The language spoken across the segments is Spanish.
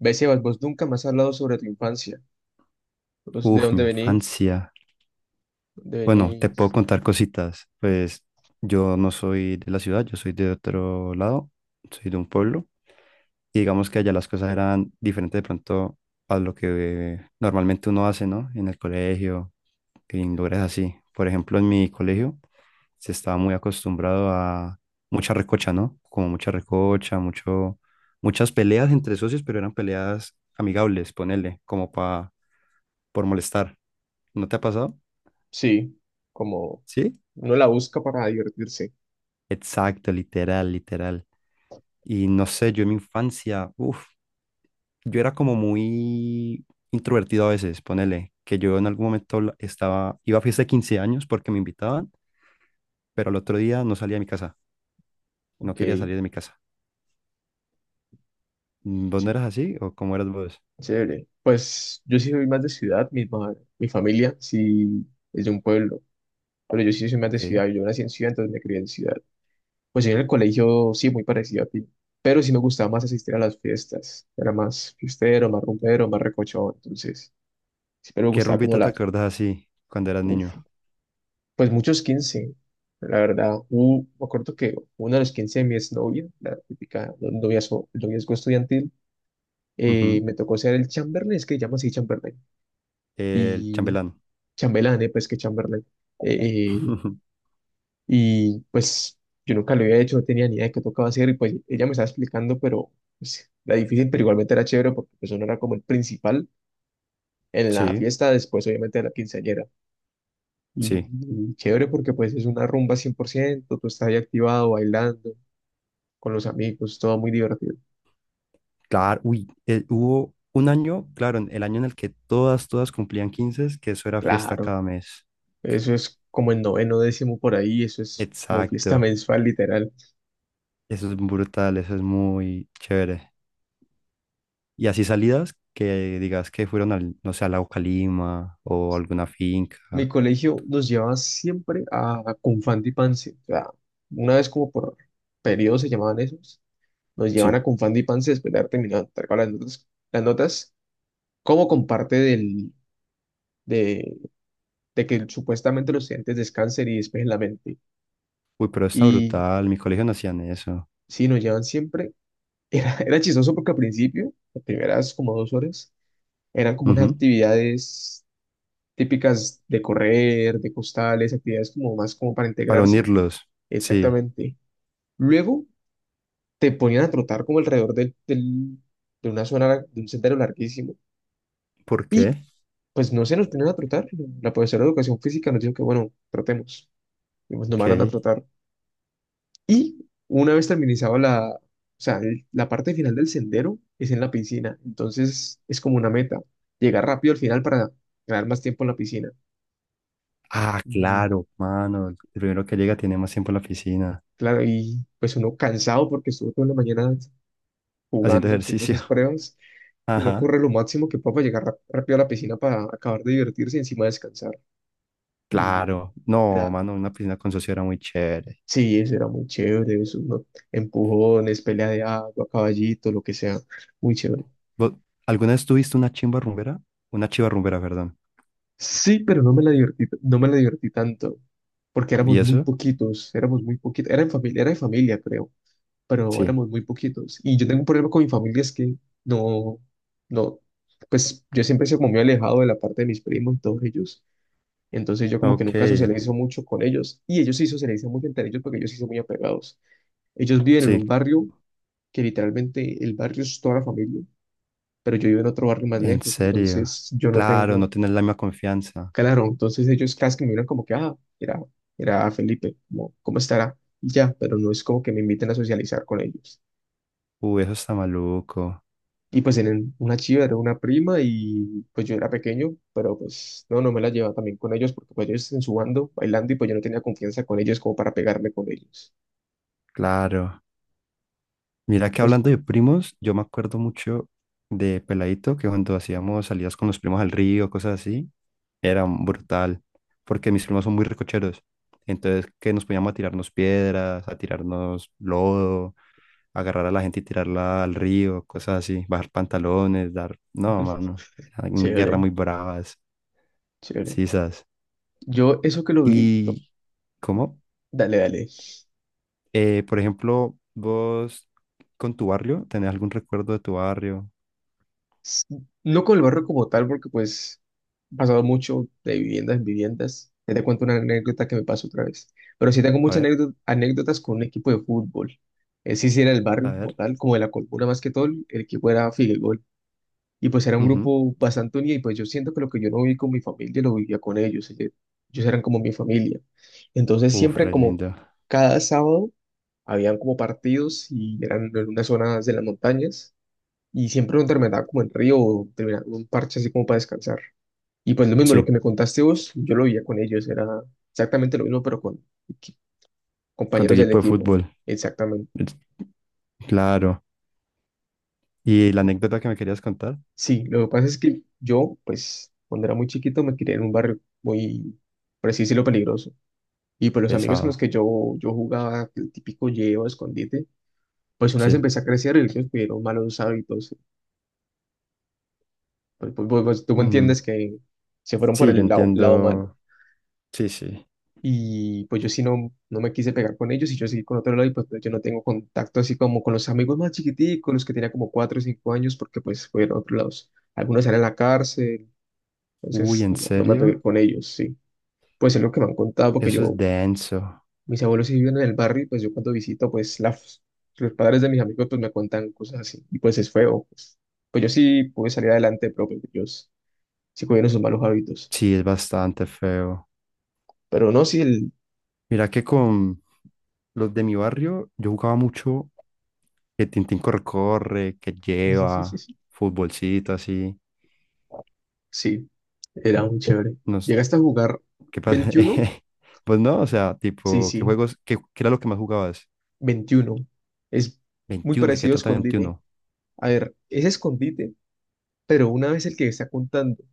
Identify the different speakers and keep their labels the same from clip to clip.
Speaker 1: Ve, Sebas, vos nunca me has hablado sobre tu infancia. Vos, ¿de
Speaker 2: Uf, mi
Speaker 1: dónde venís?
Speaker 2: infancia.
Speaker 1: ¿De
Speaker 2: Bueno, te puedo
Speaker 1: venís?
Speaker 2: contar cositas. Pues yo no soy de la ciudad, yo soy de otro lado, soy de un pueblo. Y digamos que allá las cosas eran diferentes de pronto a lo que normalmente uno hace, ¿no? En el colegio, en lugares así. Por ejemplo, en mi colegio se estaba muy acostumbrado a mucha recocha, ¿no? Como mucha recocha, mucho, muchas peleas entre socios, pero eran peleas amigables, ponele, como pa, por molestar. ¿No te ha pasado?
Speaker 1: Sí, como
Speaker 2: ¿Sí?
Speaker 1: uno la busca para divertirse.
Speaker 2: Exacto, literal, literal. Y no sé, yo en mi infancia, yo era como muy introvertido a veces, ponele, que yo en algún momento estaba, iba a fiesta de 15 años porque me invitaban, pero al otro día no salía de mi casa, no
Speaker 1: Ok,
Speaker 2: quería salir de mi casa. Mm, ¿vos no
Speaker 1: ché-
Speaker 2: eras así o cómo eras vos?
Speaker 1: chévere. Pues yo sí soy más de ciudad, mi familia sí es de un pueblo, pero yo sí soy más de
Speaker 2: Ok.
Speaker 1: ciudad. Yo nací en ciudad, entonces me crié en ciudad. Pues yo en el colegio sí, muy parecido a ti, pero sí me gustaba más asistir a las fiestas. Era más fiestero, más rumbero, más recochón, entonces siempre me
Speaker 2: ¿Qué
Speaker 1: gustaba como
Speaker 2: rumbita te
Speaker 1: la...
Speaker 2: acuerdas así cuando eras
Speaker 1: Uf,
Speaker 2: niño?
Speaker 1: pues muchos 15 la verdad. Me acuerdo que uno de los 15 de mi exnovia, la típica noviazgo, noviazgo estudiantil,
Speaker 2: Ujú.
Speaker 1: me tocó ser el chamberlain, es que llaman así chamberlain,
Speaker 2: El
Speaker 1: y
Speaker 2: chambelán.
Speaker 1: chambelán, pues que chamberlain. Eh, eh, y pues yo nunca lo había hecho, no tenía ni idea de qué tocaba hacer, y pues ella me estaba explicando, pero pues, era difícil, pero igualmente era chévere porque pues uno era como el principal en la
Speaker 2: Sí,
Speaker 1: fiesta, después obviamente de la quinceañera. Y,
Speaker 2: sí.
Speaker 1: y chévere porque pues es una rumba cien por ciento, tú estás ahí activado, bailando con los amigos, todo muy divertido.
Speaker 2: Claro, uy, hubo un año, claro, el año en el que todas, todas cumplían 15, que eso era fiesta
Speaker 1: Claro,
Speaker 2: cada mes.
Speaker 1: eso es como en noveno, décimo por ahí, eso es como fiesta
Speaker 2: Exacto,
Speaker 1: mensual, literal.
Speaker 2: eso es brutal, eso es muy chévere. Y así salidas que digas que fueron al, no sé, al Lago Calima o alguna
Speaker 1: Mi
Speaker 2: finca.
Speaker 1: colegio nos llevaba siempre a Confandi y pance, o sea, una vez como por periodo se llamaban esos, nos llevan
Speaker 2: Sí,
Speaker 1: a Confandi y pance después de haber terminado de entregar las notas, las notas, como con de, de que supuestamente los estudiantes descansen y despejen la mente.
Speaker 2: uy, pero está
Speaker 1: Y
Speaker 2: brutal, mi colegio no hacían eso.
Speaker 1: sí, nos llevan siempre. Era chistoso porque al principio, las primeras como dos horas, eran como unas
Speaker 2: Ujú,
Speaker 1: actividades típicas de correr, de costales, actividades como más como para
Speaker 2: para
Speaker 1: integrarse.
Speaker 2: unirlos, sí.
Speaker 1: Exactamente. Luego te ponían a trotar como alrededor de una zona, de un sendero larguísimo.
Speaker 2: ¿Por
Speaker 1: Y
Speaker 2: qué?
Speaker 1: pues no se nos ponían a trotar. La profesora de educación física nos dijo que, bueno, trotemos. Y pues nos mandan a
Speaker 2: Ok.
Speaker 1: trotar. Y una vez terminizado la, o sea, la parte final del sendero es en la piscina. Entonces es como una meta, llegar rápido al final para ganar más tiempo en la piscina.
Speaker 2: Ah, claro, mano, el primero que llega tiene más tiempo en la piscina,
Speaker 1: Claro, y pues uno cansado porque estuvo toda la mañana
Speaker 2: haciendo
Speaker 1: jugando, haciendo
Speaker 2: ejercicio.
Speaker 1: esas pruebas, uno
Speaker 2: Ajá.
Speaker 1: corre lo máximo que pueda para llegar rápido a la piscina para acabar de divertirse y encima descansar. Y
Speaker 2: Claro, no,
Speaker 1: era,
Speaker 2: mano, una piscina con socio era muy chévere.
Speaker 1: sí, eso era muy chévere, eso, ¿no? Empujones, pelea de agua, caballito, lo que sea, muy chévere.
Speaker 2: ¿Vos alguna vez tuviste una chimba rumbera? Una chiva rumbera, perdón.
Speaker 1: Sí, pero no me la divertí, no me la divertí tanto, porque
Speaker 2: ¿Y eso?
Speaker 1: éramos muy poquitos, era en familia, era de familia, creo. Pero
Speaker 2: Sí.
Speaker 1: éramos muy poquitos. Y yo tengo un problema con mi familia, es que no, no, pues yo siempre se como muy alejado de la parte de mis primos y todos ellos. Entonces yo como que
Speaker 2: Ok,
Speaker 1: nunca socializo mucho con ellos y ellos sí socializan mucho entre ellos porque ellos sí son muy apegados. Ellos viven en un
Speaker 2: sí,
Speaker 1: barrio que literalmente el barrio es toda la familia, pero yo vivo en otro barrio más
Speaker 2: en
Speaker 1: lejos,
Speaker 2: serio.
Speaker 1: entonces yo no
Speaker 2: Claro,
Speaker 1: tengo,
Speaker 2: no tener la misma confianza.
Speaker 1: claro, entonces ellos casi que me miran como que, ah, era Felipe, ¿cómo, cómo estará? Y ya, pero no es como que me inviten a socializar con ellos.
Speaker 2: Uy, eso está maluco.
Speaker 1: Y pues tienen una chiva, era una prima y pues yo era pequeño, pero pues no, no me la llevaba también con ellos porque pues ellos en su bando bailando y pues yo no tenía confianza con ellos como para pegarme con ellos.
Speaker 2: Claro. Mira que
Speaker 1: Pues,
Speaker 2: hablando de primos, yo me acuerdo mucho de Peladito, que cuando hacíamos salidas con los primos al río, cosas así, era brutal, porque mis primos son muy recocheros. Entonces, que nos poníamos a tirarnos piedras, a tirarnos lodo, agarrar a la gente y tirarla al río, cosas así, bajar pantalones, dar... No, mano, eran guerras
Speaker 1: chévere,
Speaker 2: muy bravas,
Speaker 1: chévere.
Speaker 2: sisas.
Speaker 1: Yo eso que lo vi, no,
Speaker 2: ¿Y cómo?
Speaker 1: dale, dale.
Speaker 2: Por ejemplo, vos con tu barrio, ¿tenés algún recuerdo de tu barrio?
Speaker 1: S- No con el barrio como tal porque pues he pasado mucho de viviendas en viviendas. Ya te cuento una anécdota que me pasó otra vez. Pero sí tengo
Speaker 2: A
Speaker 1: muchas
Speaker 2: ver.
Speaker 1: anécdotas con un equipo de fútbol. Ese sí era el
Speaker 2: A
Speaker 1: barrio como
Speaker 2: ver.
Speaker 1: tal, como de la Colmuna más que todo, el equipo era Figueroa. Y pues era un
Speaker 2: Ujú.
Speaker 1: grupo bastante unido y pues yo siento que lo que yo no viví con mi familia lo vivía con ellos. Ellos eran como mi familia. Entonces
Speaker 2: Uf,
Speaker 1: siempre
Speaker 2: re
Speaker 1: como
Speaker 2: lindo.
Speaker 1: cada sábado habían como partidos y eran en unas zonas de las montañas y siempre uno terminaba como en río o terminaba en un parche así como para descansar. Y pues lo mismo, lo
Speaker 2: Sí,
Speaker 1: que me contaste vos, yo lo vivía con ellos. Era exactamente lo mismo pero con
Speaker 2: con tu
Speaker 1: compañeros del
Speaker 2: equipo de
Speaker 1: equipo.
Speaker 2: fútbol.
Speaker 1: Exactamente.
Speaker 2: Es- Claro. Y la anécdota que me querías contar,
Speaker 1: Sí, lo que pasa es que yo, pues, cuando era muy chiquito me crié en un barrio muy preciso y lo peligroso. Y pues los amigos con los
Speaker 2: pesado.
Speaker 1: que yo jugaba, el típico llevo, escondite, pues una vez
Speaker 2: Sí.
Speaker 1: empecé a crecer y ellos me dieron malos hábitos. Pues, tú me
Speaker 2: Mm,
Speaker 1: entiendes que se fueron por
Speaker 2: sí, yo
Speaker 1: el lado, lado malo.
Speaker 2: entiendo. Sí, sí.
Speaker 1: Y pues yo sí no, no me quise pegar con ellos y yo seguí con otro lado y pues yo no tengo contacto así como con los amigos más chiquiticos, los que tenía como cuatro o cinco años, porque pues fueron a otros lados. Algunos eran en la cárcel,
Speaker 2: Uy,
Speaker 1: entonces
Speaker 2: ¿en
Speaker 1: no, no me pegué
Speaker 2: serio?
Speaker 1: con ellos, sí. Pues es lo que me han contado, porque
Speaker 2: Eso es
Speaker 1: yo,
Speaker 2: denso.
Speaker 1: mis abuelos sí viven en el barrio, y pues yo cuando visito, pues los padres de mis amigos pues me cuentan cosas así, y pues es feo, pues, pues yo sí pude salir adelante, pero pues ellos sí cogieron sus malos hábitos,
Speaker 2: Sí, es bastante feo.
Speaker 1: pero no, sí, el,
Speaker 2: Mira que con los de mi barrio, yo jugaba mucho que Tintín corre, corre, que lleva, futbolcito así.
Speaker 1: sí, era muy chévere.
Speaker 2: Nos,
Speaker 1: ¿Llegaste a jugar
Speaker 2: ¿qué pasa?
Speaker 1: veintiuno?
Speaker 2: Pues no, o sea,
Speaker 1: Sí,
Speaker 2: tipo, ¿qué
Speaker 1: sí,
Speaker 2: juegos, qué era lo que más jugabas?
Speaker 1: veintiuno. Es muy
Speaker 2: Veintiuno, ¿de qué
Speaker 1: parecido a
Speaker 2: trata
Speaker 1: escondite.
Speaker 2: veintiuno?
Speaker 1: A ver, es escondite, pero una vez el que está contando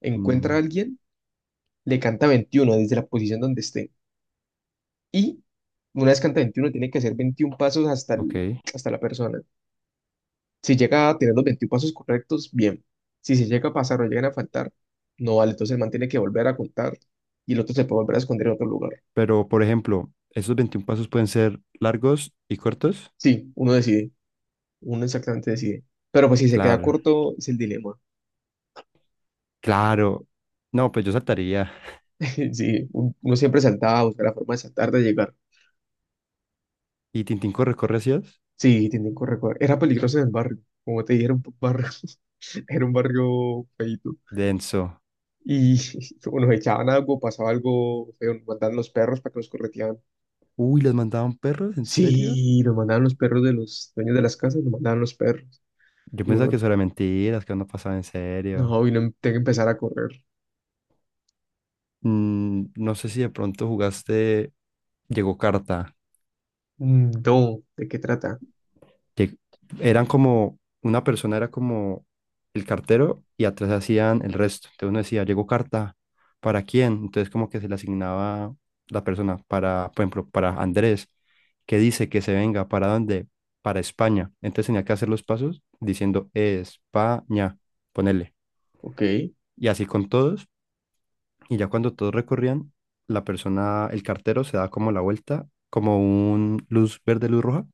Speaker 1: encuentra a
Speaker 2: Mm,
Speaker 1: alguien, le canta 21 desde la posición donde esté. Y una descanta 21 tiene que hacer 21 pasos hasta,
Speaker 2: ok.
Speaker 1: hasta la persona. Si llega a tener los 21 pasos correctos, bien. Si se llega a pasar o llegan a faltar, no vale. Entonces el man tiene que volver a contar y el otro se puede volver a esconder en otro lugar.
Speaker 2: Pero, por ejemplo, esos 21 pasos pueden ser largos y cortos.
Speaker 1: Sí, uno decide, uno exactamente decide. Pero pues si se queda
Speaker 2: Claro,
Speaker 1: corto, es el dilema.
Speaker 2: claro. No, pues yo saltaría.
Speaker 1: Sí, uno siempre saltaba, buscar la forma de saltar, de llegar.
Speaker 2: ¿Y Tintín corre, corre hacías?
Speaker 1: Sí, tienen que recordar. Era peligroso en el barrio, como te dije, era un barrio, era un barrio feito.
Speaker 2: Denso.
Speaker 1: Y o nos echaban algo, pasaba algo feo, nos mandaban los perros para que nos correteaban.
Speaker 2: Uy, ¿los mandaban perros? ¿En serio?
Speaker 1: Sí, nos mandaban los perros de los dueños de las casas, nos mandaban los perros.
Speaker 2: Yo
Speaker 1: Y
Speaker 2: pensaba que
Speaker 1: uno,
Speaker 2: eso era mentiras, que no pasaba en serio.
Speaker 1: no, y no tiene que empezar a correr.
Speaker 2: Mm, no sé si de pronto jugaste Llegó Carta.
Speaker 1: Mm, no, ¿de qué trata?
Speaker 2: Que eran como, una persona era como el cartero y atrás hacían el resto. Entonces uno decía, llegó carta, ¿para quién? Entonces como que se le asignaba la persona para, por ejemplo, para Andrés, que dice que se venga, ¿para dónde? Para España. Entonces tenía que hacer los pasos diciendo España, ponele.
Speaker 1: Ok,
Speaker 2: Y así con todos. Y ya cuando todos recorrían, la persona, el cartero se da como la vuelta, como un luz verde, luz roja,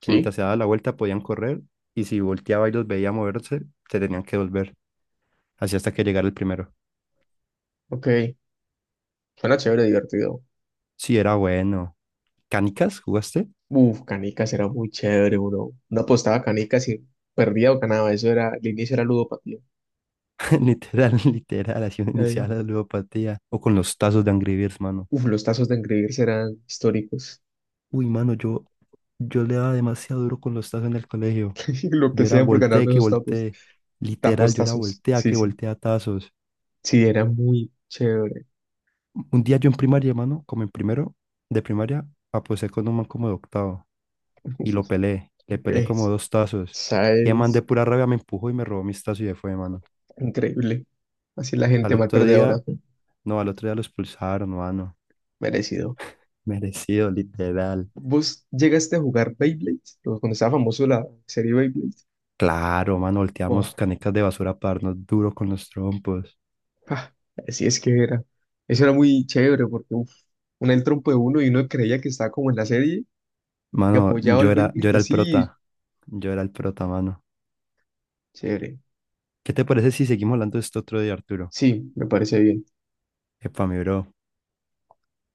Speaker 2: que mientras se daba la vuelta podían correr y si volteaba y los veía moverse, se tenían que volver, así hasta que llegara el primero.
Speaker 1: ok. Suena chévere, divertido.
Speaker 2: Sí, era bueno. ¿Canicas jugaste?
Speaker 1: Uf, canicas era muy chévere, uno. No apostaba canicas y perdía o ganaba. Eso era, el inicio era ludopatía.
Speaker 2: Literal, literal, así una
Speaker 1: Ay,
Speaker 2: inicial a la ludopatía. O con los tazos de Angry Birds, mano.
Speaker 1: uf, los tazos de engreírse eran históricos.
Speaker 2: Uy, mano, yo le daba demasiado duro con los tazos en el colegio.
Speaker 1: Lo que
Speaker 2: Yo era
Speaker 1: sea por
Speaker 2: volteé
Speaker 1: ganarme
Speaker 2: que
Speaker 1: esos tapos,
Speaker 2: volteé. Literal,
Speaker 1: tapos
Speaker 2: yo era
Speaker 1: tazos.
Speaker 2: voltea
Speaker 1: Sí,
Speaker 2: que
Speaker 1: sí.
Speaker 2: voltea tazos.
Speaker 1: Sí, era muy chévere.
Speaker 2: Un día yo en primaria, mano, como en primero de primaria, aposé con un man como de octavo. Y lo pelé. Le pelé como
Speaker 1: Es,
Speaker 2: dos tazos. Y el man de
Speaker 1: ¿sabes?
Speaker 2: pura rabia me empujó y me robó mis tazos y se fue, mano.
Speaker 1: Increíble. Así la
Speaker 2: Al
Speaker 1: gente mal
Speaker 2: otro
Speaker 1: perdedora.
Speaker 2: día, no, al otro día lo expulsaron, mano.
Speaker 1: Merecido.
Speaker 2: Merecido, literal.
Speaker 1: ¿Vos llegaste a jugar Beyblade? Pues cuando estaba famoso la serie Beyblade.
Speaker 2: Claro, mano,
Speaker 1: Wow.
Speaker 2: volteamos canecas de basura para darnos duro con los trompos.
Speaker 1: Ah, así es que era. Eso era muy chévere porque uf, uno el trompo de uno y uno creía que estaba como en la serie y
Speaker 2: Mano,
Speaker 1: apoyaba
Speaker 2: yo
Speaker 1: al
Speaker 2: era, yo
Speaker 1: Beyblade
Speaker 2: era el
Speaker 1: así.
Speaker 2: prota. Yo era el prota, mano.
Speaker 1: Chévere.
Speaker 2: ¿Qué te parece si seguimos hablando de esto otro día, Arturo?
Speaker 1: Sí, me parece bien.
Speaker 2: Epa, mi bro.